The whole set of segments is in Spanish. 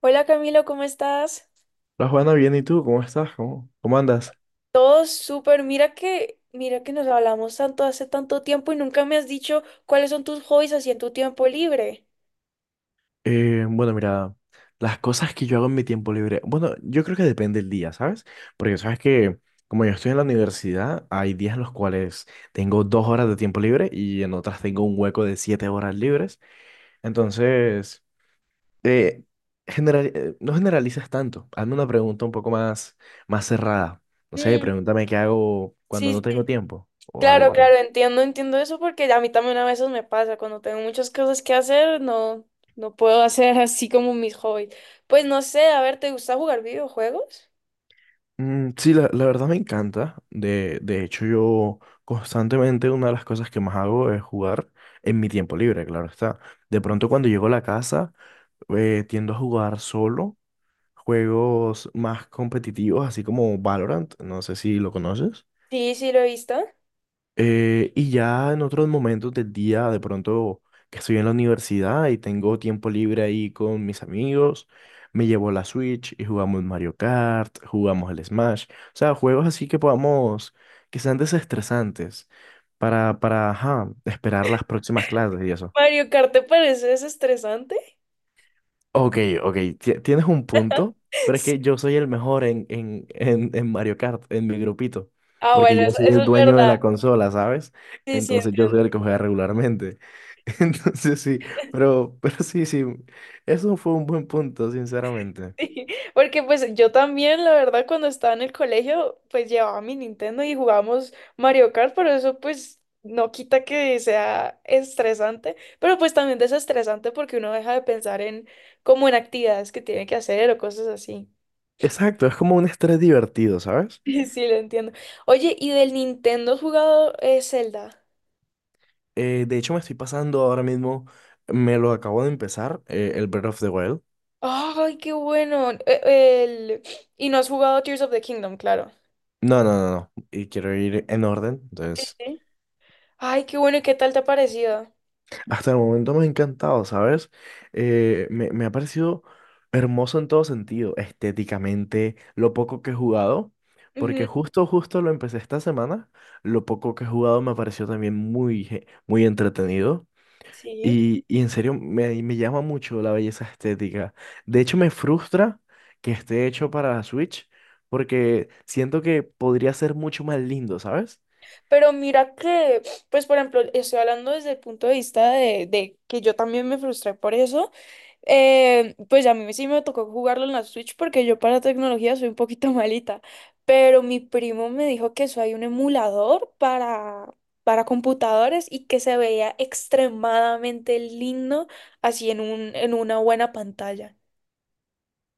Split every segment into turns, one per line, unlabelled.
Hola Camilo, ¿cómo estás?
Hola Juana, bien, ¿y tú? ¿Cómo estás? ¿Cómo andas?
Todo súper. Mira que nos hablamos tanto hace tanto tiempo y nunca me has dicho cuáles son tus hobbies así en tu tiempo libre.
Bueno, mira, las cosas que yo hago en mi tiempo libre, bueno, yo creo que depende del día, ¿sabes? Porque sabes que como yo estoy en la universidad, hay días en los cuales tengo dos horas de tiempo libre y en otras tengo un hueco de siete horas libres. Entonces, eh, general, no generalizas tanto. Hazme una pregunta un poco más, más cerrada. No sé,
Mm,
pregúntame qué hago cuando
sí,
no
sí,
tengo tiempo o algo.
claro, claro, entiendo eso porque a mí también a veces me pasa. Cuando tengo muchas cosas que hacer, no, no puedo hacer así como mis hobbies. Pues no sé, a ver, ¿te gusta jugar videojuegos?
Mm, sí, la verdad me encanta. De hecho, yo constantemente una de las cosas que más hago es jugar en mi tiempo libre, claro está. De pronto cuando llego a la casa, tiendo a jugar solo juegos más competitivos, así como Valorant, no sé si lo conoces.
Sí, sí, lo he visto.
Y ya en otros momentos del día, de pronto que estoy en la universidad y tengo tiempo libre ahí con mis amigos, me llevo la Switch y jugamos Mario Kart, jugamos el Smash, o sea, juegos así que podamos, que sean desestresantes para, ajá, esperar las próximas clases y eso.
Mario Kart, ¿te parece desestresante?
Ok, ok, tienes un punto, pero es
Sí.
que yo soy el mejor en Mario Kart, en mi grupito,
Ah,
porque
bueno,
yo
eso,
soy
eso
el
es
dueño
verdad.
de la consola, ¿sabes?
Sí, sí,
Entonces yo
entiendo.
soy el que juega regularmente. Entonces sí, pero sí, sí, eso fue un buen punto, sinceramente.
Sí, porque pues yo también, la verdad, cuando estaba en el colegio, pues llevaba mi Nintendo y jugábamos Mario Kart, pero eso pues no quita que sea estresante, pero pues también desestresante porque uno deja de pensar en como en actividades que tiene que hacer o cosas así.
Exacto, es como un estrés divertido, ¿sabes?
Sí, lo entiendo. Oye, ¿y del Nintendo has jugado Zelda?
De hecho, me estoy pasando ahora mismo, me lo acabo de empezar, el Breath of the Wild.
Ay, qué bueno. El- Y no has jugado Tears of the Kingdom, claro.
No, no, no, no, y quiero ir en orden,
Sí,
entonces...
sí. Ay, qué bueno, ¿y qué tal te ha parecido?
Hasta el momento me ha encantado, ¿sabes? Me ha parecido hermoso en todo sentido, estéticamente, lo poco que he jugado,
Ujú.
porque justo lo empecé esta semana, lo poco que he jugado me pareció también muy, muy entretenido
Sí.
y en serio me llama mucho la belleza estética. De hecho, me frustra que esté hecho para Switch, porque siento que podría ser mucho más lindo, ¿sabes?
Pero mira que, pues por ejemplo, estoy hablando desde el punto de vista de que yo también me frustré por eso. Pues a mí sí me tocó jugarlo en la Switch porque yo para tecnología soy un poquito malita. Pero mi primo me dijo que eso hay un emulador para computadores y que se veía extremadamente lindo así en un, en una buena pantalla.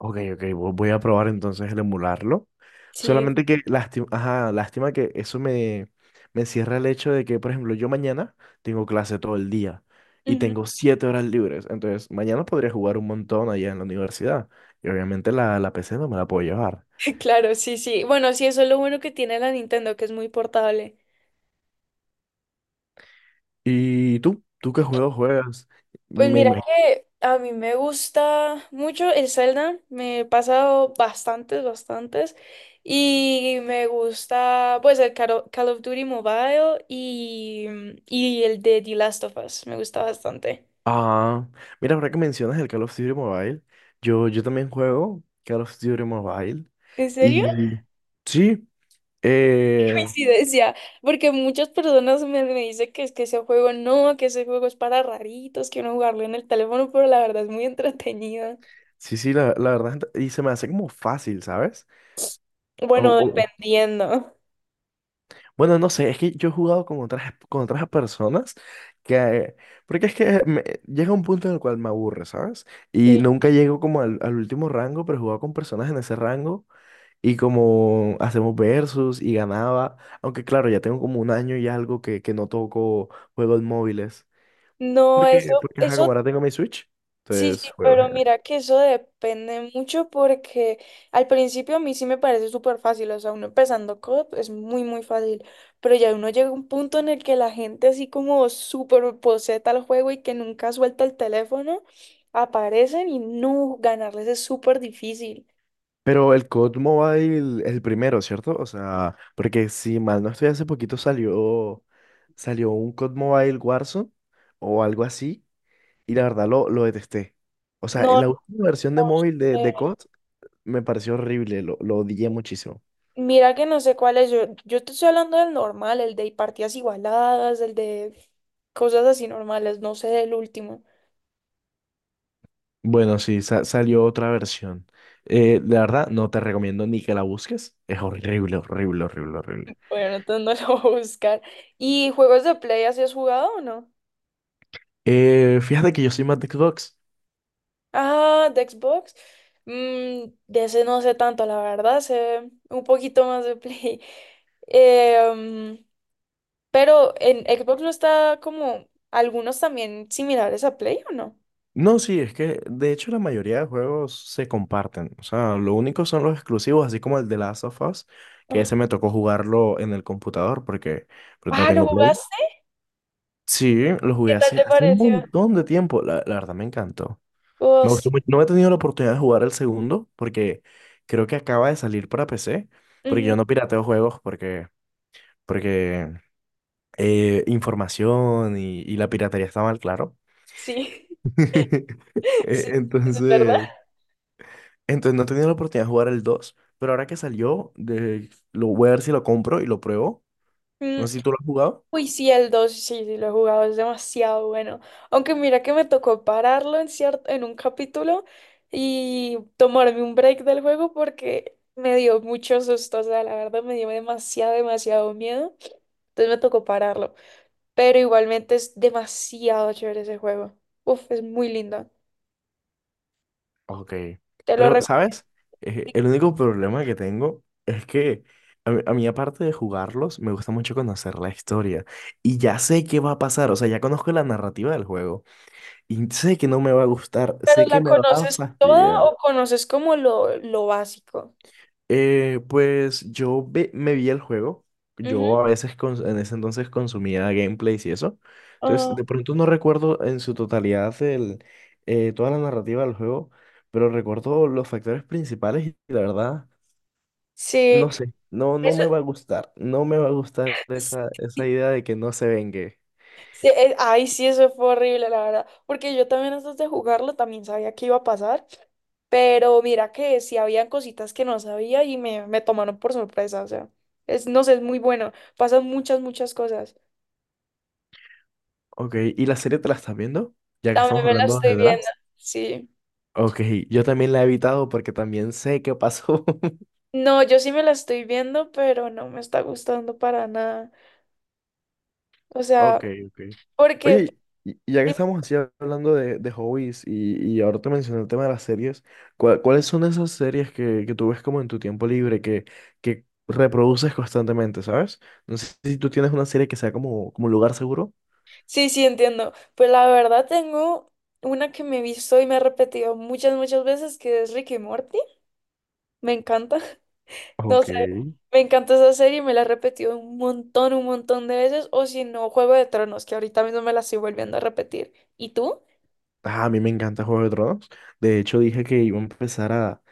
Ok, ok, voy a probar entonces el emularlo.
Sí.
Solamente que lástima, ajá, lástima que me cierra el hecho de que, por ejemplo, yo mañana tengo clase todo el día y
Ujú.
tengo siete horas libres. Entonces, mañana podría jugar un montón allá en la universidad. Y obviamente la PC no me la puedo llevar.
Claro, sí, sí. Bueno, sí, eso es lo bueno que tiene la Nintendo, que es muy portable.
¿Y tú? ¿Tú qué juegos juegas?
Pues
Me
mira
imagino.
que a mí me gusta mucho el Zelda, me he pasado bastantes, bastantes, y me gusta pues el Call of Duty Mobile y, mm, y el de The Last of Us, me gusta bastante.
Ah, mira, ahora que mencionas el Call of Duty Mobile, yo también juego Call of Duty Mobile.
¿En serio?
Y sí. eh,
Coincidencia, porque muchas personas me, me dicen que es que ese juego no, que ese juego es para raritos, que uno jugarlo en el teléfono, pero la verdad es muy entretenido.
Sí, sí, la verdad, y se me hace como fácil, ¿sabes? O,
Bueno,
o-
dependiendo.
bueno, no sé, es que yo he jugado con otras personas que, porque es que llega un punto en el cual me aburre, ¿sabes? Y
Sí.
nunca llego como al último rango, pero he jugado con personas en ese rango y como hacemos versus y ganaba, aunque claro, ya tengo como un año y algo que no toco juegos móviles,
No,
porque,
eso,
porque ajá, como
eso.
ahora tengo mi Switch,
Sí, sí,
entonces juego.
pero mira que eso depende mucho porque al principio a mí sí me parece súper fácil, o sea, uno empezando code es muy, muy fácil, pero ya uno llega a un punto en el que la gente así como súper poseta al juego y que nunca suelta el teléfono, aparecen y no, ganarles es súper difícil.
Pero el COD Mobile es el primero, ¿cierto? O sea, porque si mal no estoy, hace poquito salió, salió un COD Mobile Warzone o algo así, y la verdad lo detesté. O sea,
No, no
la última versión de móvil
sé,
de COD me pareció horrible, lo odié muchísimo.
mira que no sé cuál es, yo te estoy hablando del normal, el de partidas igualadas, el de cosas así normales, no sé del último.
Bueno, sí, salió otra versión. La verdad, no te recomiendo ni que la busques. Es horrible, horrible, horrible, horrible.
Bueno, entonces no lo voy a buscar. ¿Y juegos de Play así has jugado o no?
Fíjate que yo soy más de Xbox.
Ah, de Xbox. Mm, de ese no sé tanto, la verdad, sé un poquito más de Play. Eh, mm, pero en Xbox no está como algunos también similares a Play, ¿o no?
No, sí, es que de hecho la mayoría de juegos se comparten. O sea, lo único son los exclusivos, así como el de Last of Us, que ese
Ah.
me tocó jugarlo en el computador porque pues, no
Ah, ¿lo
tengo Play.
jugaste?
Sí, lo jugué
¿Qué tal
hace,
te
hace un
pareció?
montón de tiempo. La verdad me encantó.
Oh,
Me
sí.
gustó mucho. No he tenido la oportunidad de jugar el segundo porque creo que acaba de salir para PC. Porque
Ujú.
Yo no pirateo juegos porque, información y la piratería está mal, claro.
Sí,
Eh,
sí, eso es verdad.
Entonces. Entonces no he tenido la oportunidad de jugar el 2 pero ahora que salió, de, lo voy a ver si lo compro y lo pruebo.
Mm.
No sé si tú lo has jugado.
Uy, sí, el 2 sí, sí, lo he jugado, es demasiado bueno. Aunque mira que me tocó pararlo en cierto, en un capítulo y tomarme un break del juego porque me dio mucho susto, o sea, la verdad me dio demasiado, demasiado miedo. Entonces me tocó pararlo. Pero igualmente es demasiado chévere ese juego. Uf, es muy lindo.
Ok.
Te lo
Pero,
recomiendo.
¿sabes? El único problema que tengo es que a mí, aparte de jugarlos, me gusta mucho conocer la historia. Y ya sé qué va a pasar, o sea, ya conozco la narrativa del juego. Y sé que no me va a gustar,
¿Pero
sé que
la
me va a
conoces toda
fastidiar.
o conoces como lo básico?
Pues yo me vi el juego.
Ujú.
Yo a veces en ese entonces consumía gameplays y eso.
Ah,
Entonces, de pronto no recuerdo en su totalidad toda la narrativa del juego, pero recuerdo los factores principales y la verdad,
sí,
no sé, no
eso
me va a gustar. No me va a gustar
es.
esa idea de que no se vengue.
Sí, ay, sí, eso fue horrible, la verdad. Porque yo también antes de jugarlo también sabía que iba a pasar. Pero mira que sí habían cositas que no sabía y me tomaron por sorpresa. O sea, es, no sé, es muy bueno. Pasan muchas, muchas cosas.
Ok, ¿y la serie te la estás viendo? Ya que
También
estamos
me la
hablando de
estoy viendo.
Drax.
Sí.
Ok, yo también la he evitado porque también sé qué pasó.
No, yo sí me la estoy viendo, pero no me está gustando para nada. O sea,
Ok, ok.
porque...
Oye, y ya que estamos así hablando de hobbies y ahora te mencioné el tema de las series, ¿cuál- ¿cuáles son esas series que tú ves como en tu tiempo libre, que reproduces constantemente, ¿sabes? No sé si tú tienes una serie que sea como, como lugar seguro.
Sí, sí, entiendo. Pues la verdad tengo una que me he visto y me he repetido muchas, muchas veces, que es Ricky Morty. Me encanta. No
Ok.
sé, me encanta esa serie, me la he repetido un montón de veces, o si no, Juego de Tronos, que ahorita mismo me la estoy volviendo a repetir. ¿Y tú?
Ah, a mí me encanta Juego de Tronos. De hecho, dije que iba a empezar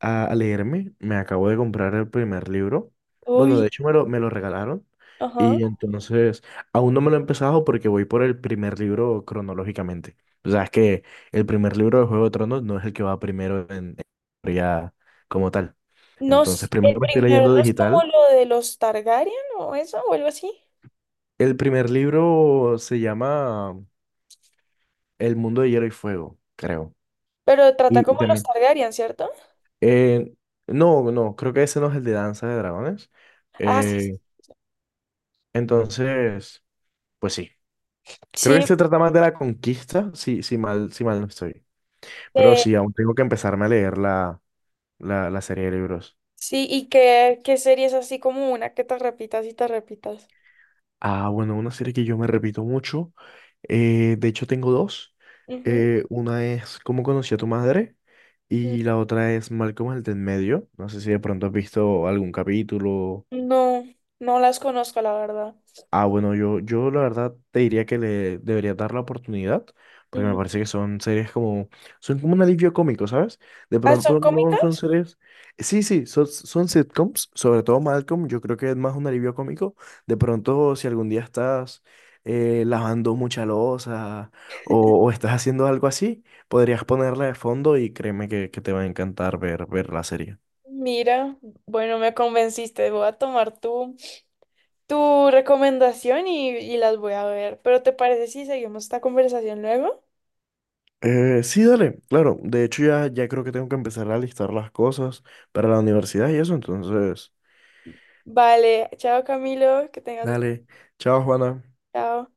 a leerme. Me acabo de comprar el primer libro. Bueno,
Uy,
de hecho me lo regalaron.
ajá.
Y entonces, aún no me lo he empezado porque voy por el primer libro cronológicamente. O sea, es que el primer libro de Juego de Tronos no es el que va primero en historia como tal.
No
Entonces,
sé, el
primero me estoy
primero
leyendo
no es como
digital.
lo de los Targaryen o eso, o algo así,
El primer libro se llama El mundo de hielo y fuego, creo.
pero trata
Y
como los
también
Targaryen, ¿cierto?
Eh, no, creo que ese no es el de Danza de Dragones.
Ah, sí,
Eh, entonces, pues sí. Creo que
sí,
este trata más de la conquista, si, si mal no estoy. Pero
eh,
sí, aún tengo que empezarme a leer la serie de libros.
sí, y qué, qué serie es así como una que te repitas y te repitas.
Ah, bueno, una serie que yo me repito mucho. De hecho, tengo dos.
Ujú.
Una es ¿Cómo conocí a tu madre?
N-
Y la otra es Malcolm el de en medio. No sé si de pronto has visto algún capítulo.
No, no las conozco, la verdad.
Ah, bueno, yo la verdad te diría que le debería dar la oportunidad, porque me
Ujú.
parece que son son como un alivio cómico, ¿sabes? De
Ah, son
pronto no
cómicas.
son series, sí, sí, son sitcoms, sobre todo Malcolm, yo creo que es más un alivio cómico. De pronto si algún día estás lavando mucha loza o estás haciendo algo así, podrías ponerla de fondo y créeme que te va a encantar ver la serie.
Mira, bueno, me convenciste. Voy a tomar tu, tu recomendación y las voy a ver. Pero ¿te parece si seguimos esta conversación luego?
Sí, dale, claro. De hecho, ya creo que tengo que empezar a listar las cosas para la universidad y eso. Entonces,
Vale, chao Camilo, que tengas... un...
dale. Chao, Juana.
Chao.